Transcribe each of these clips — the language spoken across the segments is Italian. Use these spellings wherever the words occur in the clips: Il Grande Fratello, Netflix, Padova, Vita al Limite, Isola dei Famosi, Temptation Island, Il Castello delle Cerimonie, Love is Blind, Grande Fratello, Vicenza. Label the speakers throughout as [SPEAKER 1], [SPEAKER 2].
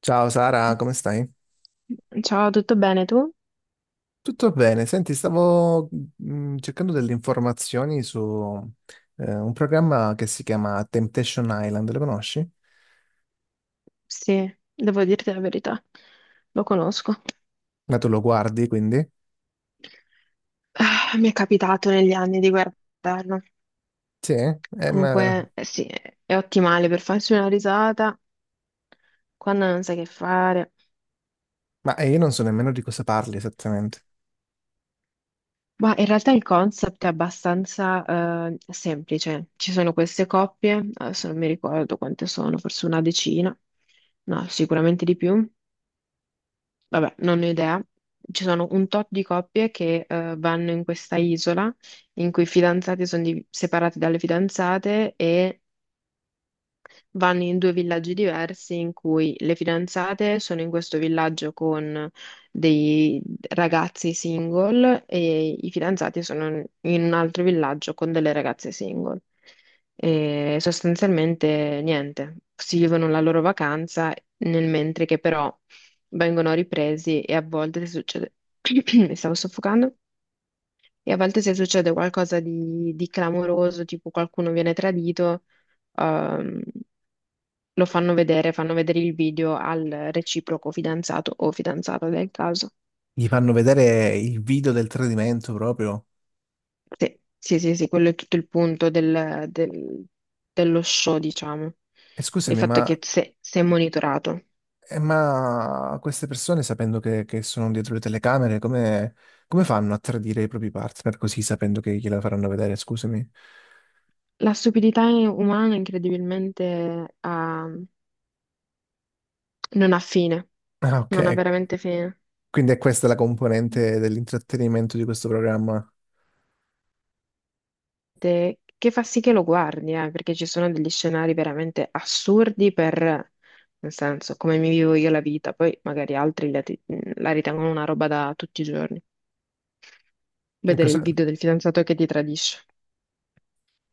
[SPEAKER 1] Ciao Sara, come stai?
[SPEAKER 2] Ciao, tutto bene tu?
[SPEAKER 1] Tutto bene. Senti, stavo cercando delle informazioni su un programma che si chiama Temptation Island, lo conosci?
[SPEAKER 2] Sì, devo dirti la verità, lo conosco.
[SPEAKER 1] Ma tu lo guardi, quindi?
[SPEAKER 2] Ah, mi è capitato negli anni di guardarlo.
[SPEAKER 1] Sì? Ma,
[SPEAKER 2] Comunque, eh sì, è ottimale per farsi una risata quando non sai che fare.
[SPEAKER 1] io non so nemmeno di cosa parli esattamente.
[SPEAKER 2] Ma in realtà il concept è abbastanza semplice. Ci sono queste coppie, adesso non mi ricordo quante sono, forse una decina, no, sicuramente di più. Vabbè, non ne ho idea. Ci sono un tot di coppie che vanno in questa isola in cui i fidanzati sono separati dalle fidanzate e vanno in due villaggi diversi, in cui le fidanzate sono in questo villaggio con dei ragazzi single e i fidanzati sono in un altro villaggio con delle ragazze single. E sostanzialmente niente, si vivono la loro vacanza nel mentre che però vengono ripresi e a volte succede, mi stavo soffocando, e a volte, se succede qualcosa di clamoroso, tipo qualcuno viene tradito, ehm, lo fanno vedere il video al reciproco fidanzato o fidanzata del caso.
[SPEAKER 1] Gli fanno vedere il video del tradimento proprio.
[SPEAKER 2] Sì, sì, sì, sì, quello è tutto il punto dello show, diciamo.
[SPEAKER 1] E
[SPEAKER 2] Il
[SPEAKER 1] scusami,
[SPEAKER 2] fatto è che se, se è monitorato.
[SPEAKER 1] ma queste persone, sapendo che sono dietro le telecamere, come, come fanno a tradire i propri partner così, sapendo che gliela faranno vedere? Scusami.
[SPEAKER 2] La stupidità umana incredibilmente non ha fine,
[SPEAKER 1] Ah,
[SPEAKER 2] non ha
[SPEAKER 1] ok.
[SPEAKER 2] veramente fine.
[SPEAKER 1] Quindi è questa la componente dell'intrattenimento di questo programma.
[SPEAKER 2] Che fa sì che lo guardi, perché ci sono degli scenari veramente assurdi per, nel senso, come mi vivo io la vita, poi magari altri la, la ritengono una roba da tutti i giorni. Vedere il
[SPEAKER 1] Cosa-
[SPEAKER 2] video del fidanzato che ti tradisce.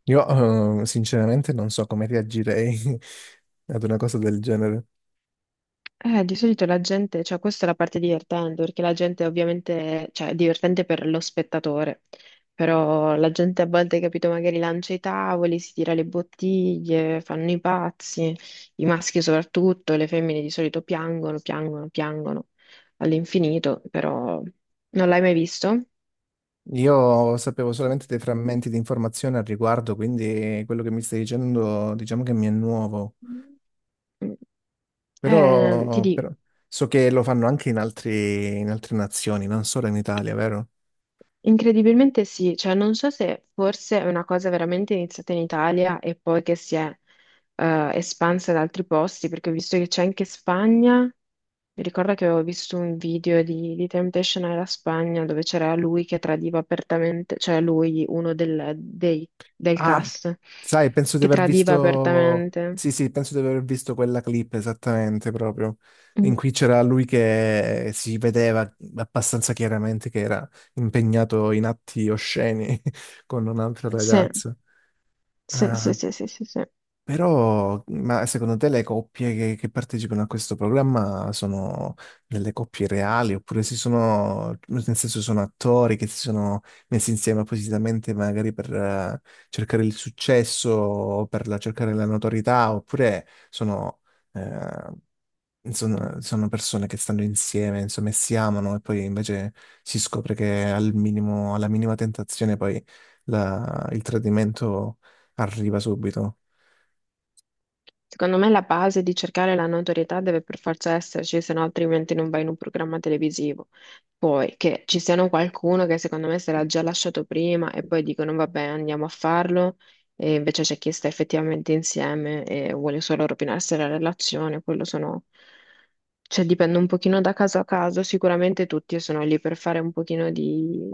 [SPEAKER 1] Io sinceramente non so come reagirei ad una cosa del genere.
[SPEAKER 2] Di solito la gente, cioè questa è la parte divertente, perché la gente ovviamente, cioè è divertente per lo spettatore, però la gente a volte, capito, magari lancia i tavoli, si tira le bottiglie, fanno i pazzi, i maschi soprattutto, le femmine di solito piangono, piangono, piangono all'infinito, però non l'hai mai visto?
[SPEAKER 1] Io sapevo solamente dei frammenti di informazione al riguardo, quindi quello che mi stai dicendo diciamo che mi è nuovo.
[SPEAKER 2] Ti
[SPEAKER 1] Però,
[SPEAKER 2] dico,
[SPEAKER 1] però so che lo fanno anche in altre nazioni, non solo in Italia, vero?
[SPEAKER 2] incredibilmente sì, cioè non so se forse è una cosa veramente iniziata in Italia e poi che si è espansa ad altri posti, perché ho visto che c'è anche Spagna, mi ricordo che avevo visto un video di Temptation alla Spagna dove c'era lui che tradiva apertamente, cioè lui, uno del
[SPEAKER 1] Ah,
[SPEAKER 2] cast,
[SPEAKER 1] sai, penso di
[SPEAKER 2] che
[SPEAKER 1] aver
[SPEAKER 2] tradiva
[SPEAKER 1] visto.
[SPEAKER 2] apertamente.
[SPEAKER 1] Sì, sì, penso di aver visto quella clip esattamente proprio. In
[SPEAKER 2] Mm,
[SPEAKER 1] cui c'era lui che si vedeva abbastanza chiaramente che era impegnato in atti osceni con un'altra
[SPEAKER 2] sì,
[SPEAKER 1] ragazza.
[SPEAKER 2] sì, sì,
[SPEAKER 1] Ah.
[SPEAKER 2] sì, sì, sì, sì.
[SPEAKER 1] Però, ma secondo te le coppie che partecipano a questo programma sono delle coppie reali oppure si sono, nel senso sono attori che si sono messi insieme appositamente magari per cercare il successo o cercare la notorietà oppure sono, eh, insomma, sono persone che stanno insieme, insomma, e si amano e poi invece si scopre che al minimo, alla minima tentazione poi il tradimento arriva subito.
[SPEAKER 2] Secondo me la base di cercare la notorietà deve per forza esserci, se no altrimenti non vai in un programma televisivo. Poi che ci siano qualcuno che secondo me se l'ha già lasciato prima e poi dicono vabbè andiamo a farlo, e invece c'è chi sta effettivamente insieme e vuole solo rovinarsi la relazione, quello sono... Cioè dipende un pochino da caso a caso, sicuramente tutti sono lì per fare un pochino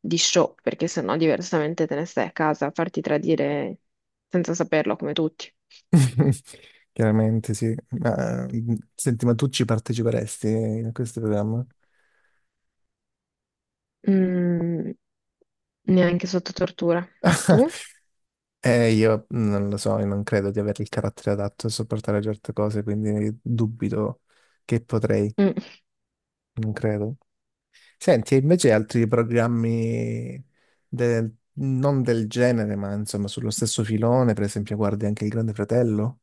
[SPEAKER 2] di show, perché sennò diversamente te ne stai a casa a farti tradire senza saperlo come tutti.
[SPEAKER 1] Chiaramente sì. Ma, mm, senti, ma tu ci parteciperesti a questo programma?
[SPEAKER 2] Mm, neanche sotto tortura. Tu?
[SPEAKER 1] Io non lo so, io non credo di avere il carattere adatto a sopportare certe cose, quindi dubito che potrei,
[SPEAKER 2] Mm,
[SPEAKER 1] non credo. Senti, e invece altri programmi non del genere, ma insomma sullo stesso filone, per esempio, guardi anche Il Grande Fratello?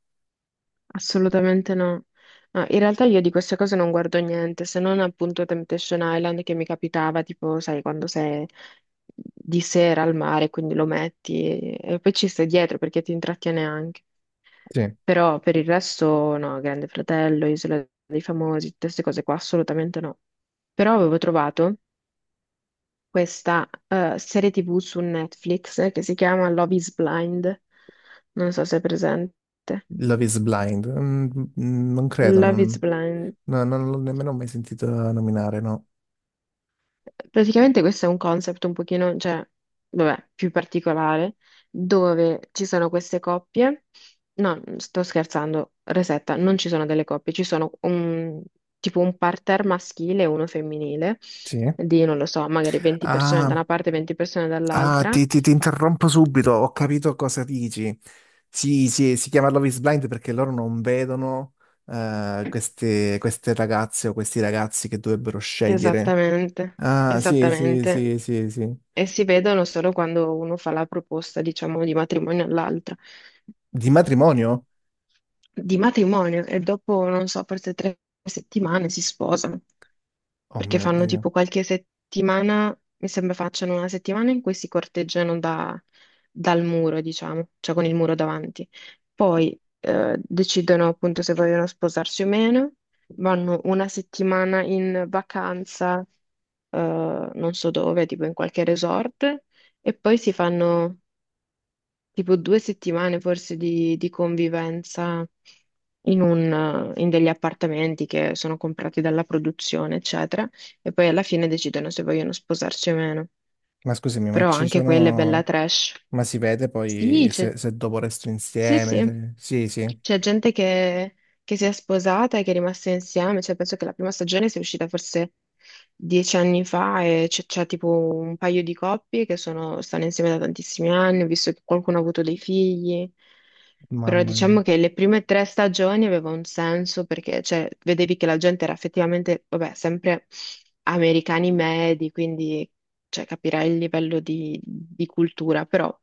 [SPEAKER 2] assolutamente no. No, in realtà io di queste cose non guardo niente, se non appunto Temptation Island, che mi capitava, tipo, sai, quando sei di sera al mare, quindi lo metti e poi ci stai dietro perché ti intrattiene anche.
[SPEAKER 1] Sì.
[SPEAKER 2] Però per il resto no, Grande Fratello, Isola dei Famosi, tutte queste cose qua assolutamente no. Però avevo trovato questa serie TV su Netflix che si chiama Love is Blind. Non so se è presente.
[SPEAKER 1] Love is Blind? Mm, mm, non credo,
[SPEAKER 2] Love is
[SPEAKER 1] non,
[SPEAKER 2] Blind.
[SPEAKER 1] no, non l'ho nemmeno mai sentito nominare, no.
[SPEAKER 2] Praticamente questo è un concept un pochino, cioè, vabbè, più particolare, dove ci sono queste coppie. No, sto scherzando, resetta, non ci sono delle coppie, ci sono un, tipo un parterre maschile e uno femminile
[SPEAKER 1] Sì.
[SPEAKER 2] di, non lo so, magari 20 persone da
[SPEAKER 1] Ah,
[SPEAKER 2] una parte e 20 persone
[SPEAKER 1] ah,
[SPEAKER 2] dall'altra.
[SPEAKER 1] ti, ti interrompo subito, ho capito cosa dici. Sì, sì, si chiama Love is Blind perché loro non vedono queste, queste ragazze o questi ragazzi che dovrebbero scegliere.
[SPEAKER 2] Esattamente,
[SPEAKER 1] Ah, sì, sì,
[SPEAKER 2] esattamente.
[SPEAKER 1] sì, sì, sì.
[SPEAKER 2] E si vedono solo quando uno fa la proposta, diciamo, di matrimonio all'altra,
[SPEAKER 1] Di matrimonio?
[SPEAKER 2] di matrimonio, e dopo, non so, forse 3 settimane si sposano,
[SPEAKER 1] Oh
[SPEAKER 2] perché
[SPEAKER 1] mio
[SPEAKER 2] fanno
[SPEAKER 1] Dio.
[SPEAKER 2] tipo qualche settimana, mi sembra facciano una settimana in cui si corteggiano dal muro, diciamo, cioè con il muro davanti. Poi decidono appunto se vogliono sposarsi o meno, vanno una settimana in vacanza, non so dove, tipo in qualche resort, e poi si fanno tipo 2 settimane forse di convivenza in, un, in degli appartamenti che sono comprati dalla produzione, eccetera, e poi alla fine decidono se vogliono sposarsi o meno.
[SPEAKER 1] Ma scusami, ma
[SPEAKER 2] Però
[SPEAKER 1] ci
[SPEAKER 2] anche quella è bella
[SPEAKER 1] sono...
[SPEAKER 2] trash.
[SPEAKER 1] Ma si vede
[SPEAKER 2] Sì,
[SPEAKER 1] poi se, se dopo resto
[SPEAKER 2] sì,
[SPEAKER 1] insieme?
[SPEAKER 2] sì.
[SPEAKER 1] Sì, sì.
[SPEAKER 2] C'è gente che si è sposata e che è rimasta insieme, cioè penso che la prima stagione sia uscita forse 10 anni fa e c'è tipo un paio di coppie che sono, stanno insieme da tantissimi anni, ho visto che qualcuno ha avuto dei figli, però
[SPEAKER 1] Mamma mia.
[SPEAKER 2] diciamo che le prime tre stagioni aveva un senso perché cioè, vedevi che la gente era effettivamente, vabbè, sempre americani medi, quindi cioè, capirai il livello di cultura, però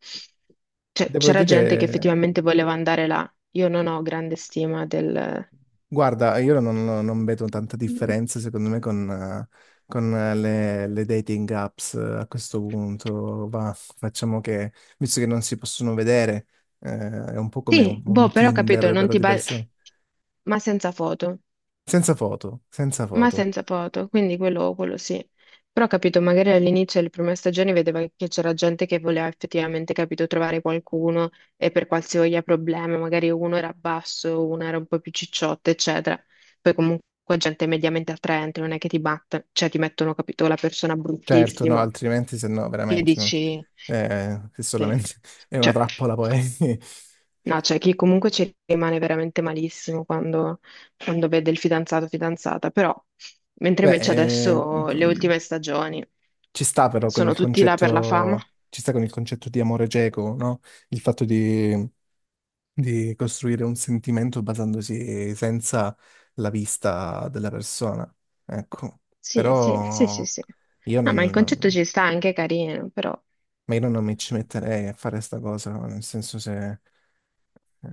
[SPEAKER 2] cioè,
[SPEAKER 1] Devo
[SPEAKER 2] c'era gente che
[SPEAKER 1] dire...
[SPEAKER 2] effettivamente voleva andare là. Io non ho grande stima del...
[SPEAKER 1] Guarda, io non vedo tanta differenza secondo me con le dating apps a questo punto. Va, facciamo che, visto che non si possono vedere, è un po' come
[SPEAKER 2] Sì, boh,
[SPEAKER 1] un
[SPEAKER 2] però ho capito,
[SPEAKER 1] Tinder,
[SPEAKER 2] non
[SPEAKER 1] però
[SPEAKER 2] ti
[SPEAKER 1] di
[SPEAKER 2] ba-
[SPEAKER 1] persone.
[SPEAKER 2] ma senza foto,
[SPEAKER 1] Senza foto, senza
[SPEAKER 2] ma
[SPEAKER 1] foto.
[SPEAKER 2] senza foto, quindi quello sì. Però ho capito, magari all'inizio delle prime stagioni vedeva che c'era gente che voleva effettivamente, capito, trovare qualcuno e per qualsiasi problema, magari uno era basso, uno era un po' più cicciotto, eccetera. Poi comunque gente mediamente attraente, non è che ti batte, cioè ti mettono, capito, la persona
[SPEAKER 1] Certo, no,
[SPEAKER 2] bruttissima,
[SPEAKER 1] altrimenti se no
[SPEAKER 2] che
[SPEAKER 1] veramente
[SPEAKER 2] dici,
[SPEAKER 1] se
[SPEAKER 2] sì,
[SPEAKER 1] solamente è una
[SPEAKER 2] cioè.
[SPEAKER 1] trappola poi.
[SPEAKER 2] No, c'è chi comunque ci rimane veramente malissimo quando, quando vede il fidanzato o fidanzata, però mentre
[SPEAKER 1] Beh,
[SPEAKER 2] invece
[SPEAKER 1] eh,
[SPEAKER 2] adesso
[SPEAKER 1] p-
[SPEAKER 2] le ultime stagioni
[SPEAKER 1] ci sta però con
[SPEAKER 2] sono
[SPEAKER 1] il
[SPEAKER 2] tutti là per la fama.
[SPEAKER 1] concetto, ci sta con il concetto di amore cieco, no? Il fatto di costruire un sentimento basandosi senza la vista della persona. Ecco,
[SPEAKER 2] Sì, sì, sì, sì,
[SPEAKER 1] però
[SPEAKER 2] sì.
[SPEAKER 1] io
[SPEAKER 2] No, ma il
[SPEAKER 1] non,
[SPEAKER 2] concetto
[SPEAKER 1] non-
[SPEAKER 2] ci sta, anche è carino, però
[SPEAKER 1] ma io non mi ci metterei a fare sta cosa, nel senso se, eh,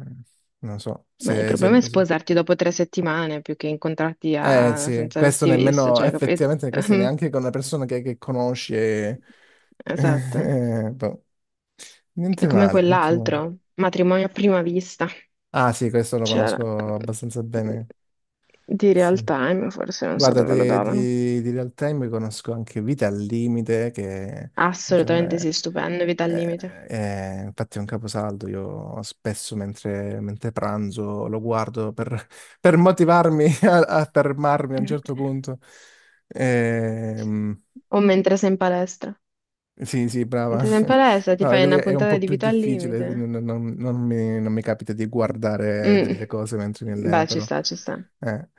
[SPEAKER 1] non so,
[SPEAKER 2] ma il problema è sposarti dopo 3 settimane più che incontrarti
[SPEAKER 1] eh sì,
[SPEAKER 2] senza
[SPEAKER 1] questo
[SPEAKER 2] averti visto,
[SPEAKER 1] nemmeno,
[SPEAKER 2] cioè, capito?
[SPEAKER 1] effettivamente questo neanche con una persona che conosci
[SPEAKER 2] Esatto.
[SPEAKER 1] boh.
[SPEAKER 2] È
[SPEAKER 1] Niente
[SPEAKER 2] come
[SPEAKER 1] male, niente male.
[SPEAKER 2] quell'altro, matrimonio a prima vista.
[SPEAKER 1] Ah sì, questo lo
[SPEAKER 2] C'era
[SPEAKER 1] conosco abbastanza bene,
[SPEAKER 2] di real
[SPEAKER 1] sì.
[SPEAKER 2] time, forse non so
[SPEAKER 1] Guarda,
[SPEAKER 2] dove lo davano.
[SPEAKER 1] di real time conosco anche Vita al Limite, che diciamo,
[SPEAKER 2] Assolutamente sì, stupendo, vita al limite.
[SPEAKER 1] infatti è un caposaldo. Io spesso mentre pranzo lo guardo per motivarmi a, a fermarmi a un certo punto. Ehm,
[SPEAKER 2] O mentre sei in palestra.
[SPEAKER 1] sì, sì, brava.
[SPEAKER 2] Mentre sei in palestra ti
[SPEAKER 1] No,
[SPEAKER 2] fai
[SPEAKER 1] lì
[SPEAKER 2] una
[SPEAKER 1] è un
[SPEAKER 2] puntata
[SPEAKER 1] po'
[SPEAKER 2] di
[SPEAKER 1] più
[SPEAKER 2] vita al
[SPEAKER 1] difficile,
[SPEAKER 2] limite.
[SPEAKER 1] non mi, non mi capita di guardare
[SPEAKER 2] Mm,
[SPEAKER 1] delle cose mentre mi alleno,
[SPEAKER 2] beh, ci
[SPEAKER 1] però.
[SPEAKER 2] sta, ci sta.
[SPEAKER 1] eh,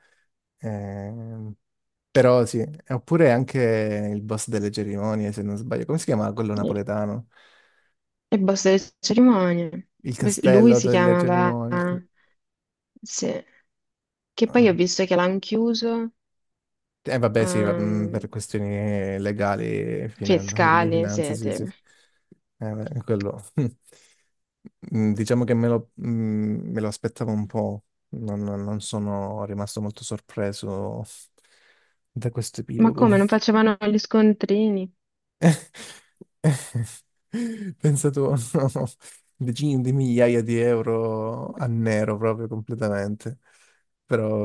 [SPEAKER 1] ehm, però sì. E oppure anche il boss delle cerimonie, se non sbaglio. Come si chiama quello
[SPEAKER 2] E
[SPEAKER 1] napoletano?
[SPEAKER 2] e boss delle cerimonie.
[SPEAKER 1] Il
[SPEAKER 2] Lui
[SPEAKER 1] castello
[SPEAKER 2] si
[SPEAKER 1] delle
[SPEAKER 2] chiamava...
[SPEAKER 1] cerimonie.
[SPEAKER 2] Sì. Che poi
[SPEAKER 1] Ah,
[SPEAKER 2] ho visto che l'hanno chiuso.
[SPEAKER 1] eh, vabbè, sì, mm,
[SPEAKER 2] ehm,
[SPEAKER 1] per questioni legali e di
[SPEAKER 2] Fiscali,
[SPEAKER 1] finanze, sì, sì,
[SPEAKER 2] siete.
[SPEAKER 1] sì. Beh, quello. Mm, diciamo che me lo aspettavo un po', non sono rimasto molto sorpreso da questo
[SPEAKER 2] Ma
[SPEAKER 1] epilogo.
[SPEAKER 2] come, non facevano gli scontrini?
[SPEAKER 1] Pensato decine di migliaia di euro a nero proprio completamente.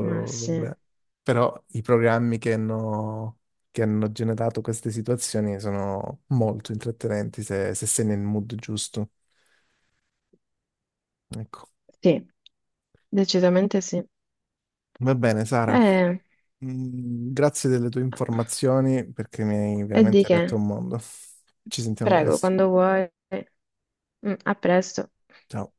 [SPEAKER 2] Ma sì,
[SPEAKER 1] vabbè. Però i programmi che hanno generato queste situazioni sono molto intrattenenti se, se sei nel mood giusto. Ecco.
[SPEAKER 2] sì, decisamente sì.
[SPEAKER 1] Va bene, Sara.
[SPEAKER 2] Eh,
[SPEAKER 1] Mm, grazie delle tue informazioni perché mi hai
[SPEAKER 2] e di
[SPEAKER 1] veramente
[SPEAKER 2] che?
[SPEAKER 1] aperto un mondo. Ci sentiamo
[SPEAKER 2] Prego,
[SPEAKER 1] presto.
[SPEAKER 2] quando vuoi. Mm, a presto.
[SPEAKER 1] Ciao.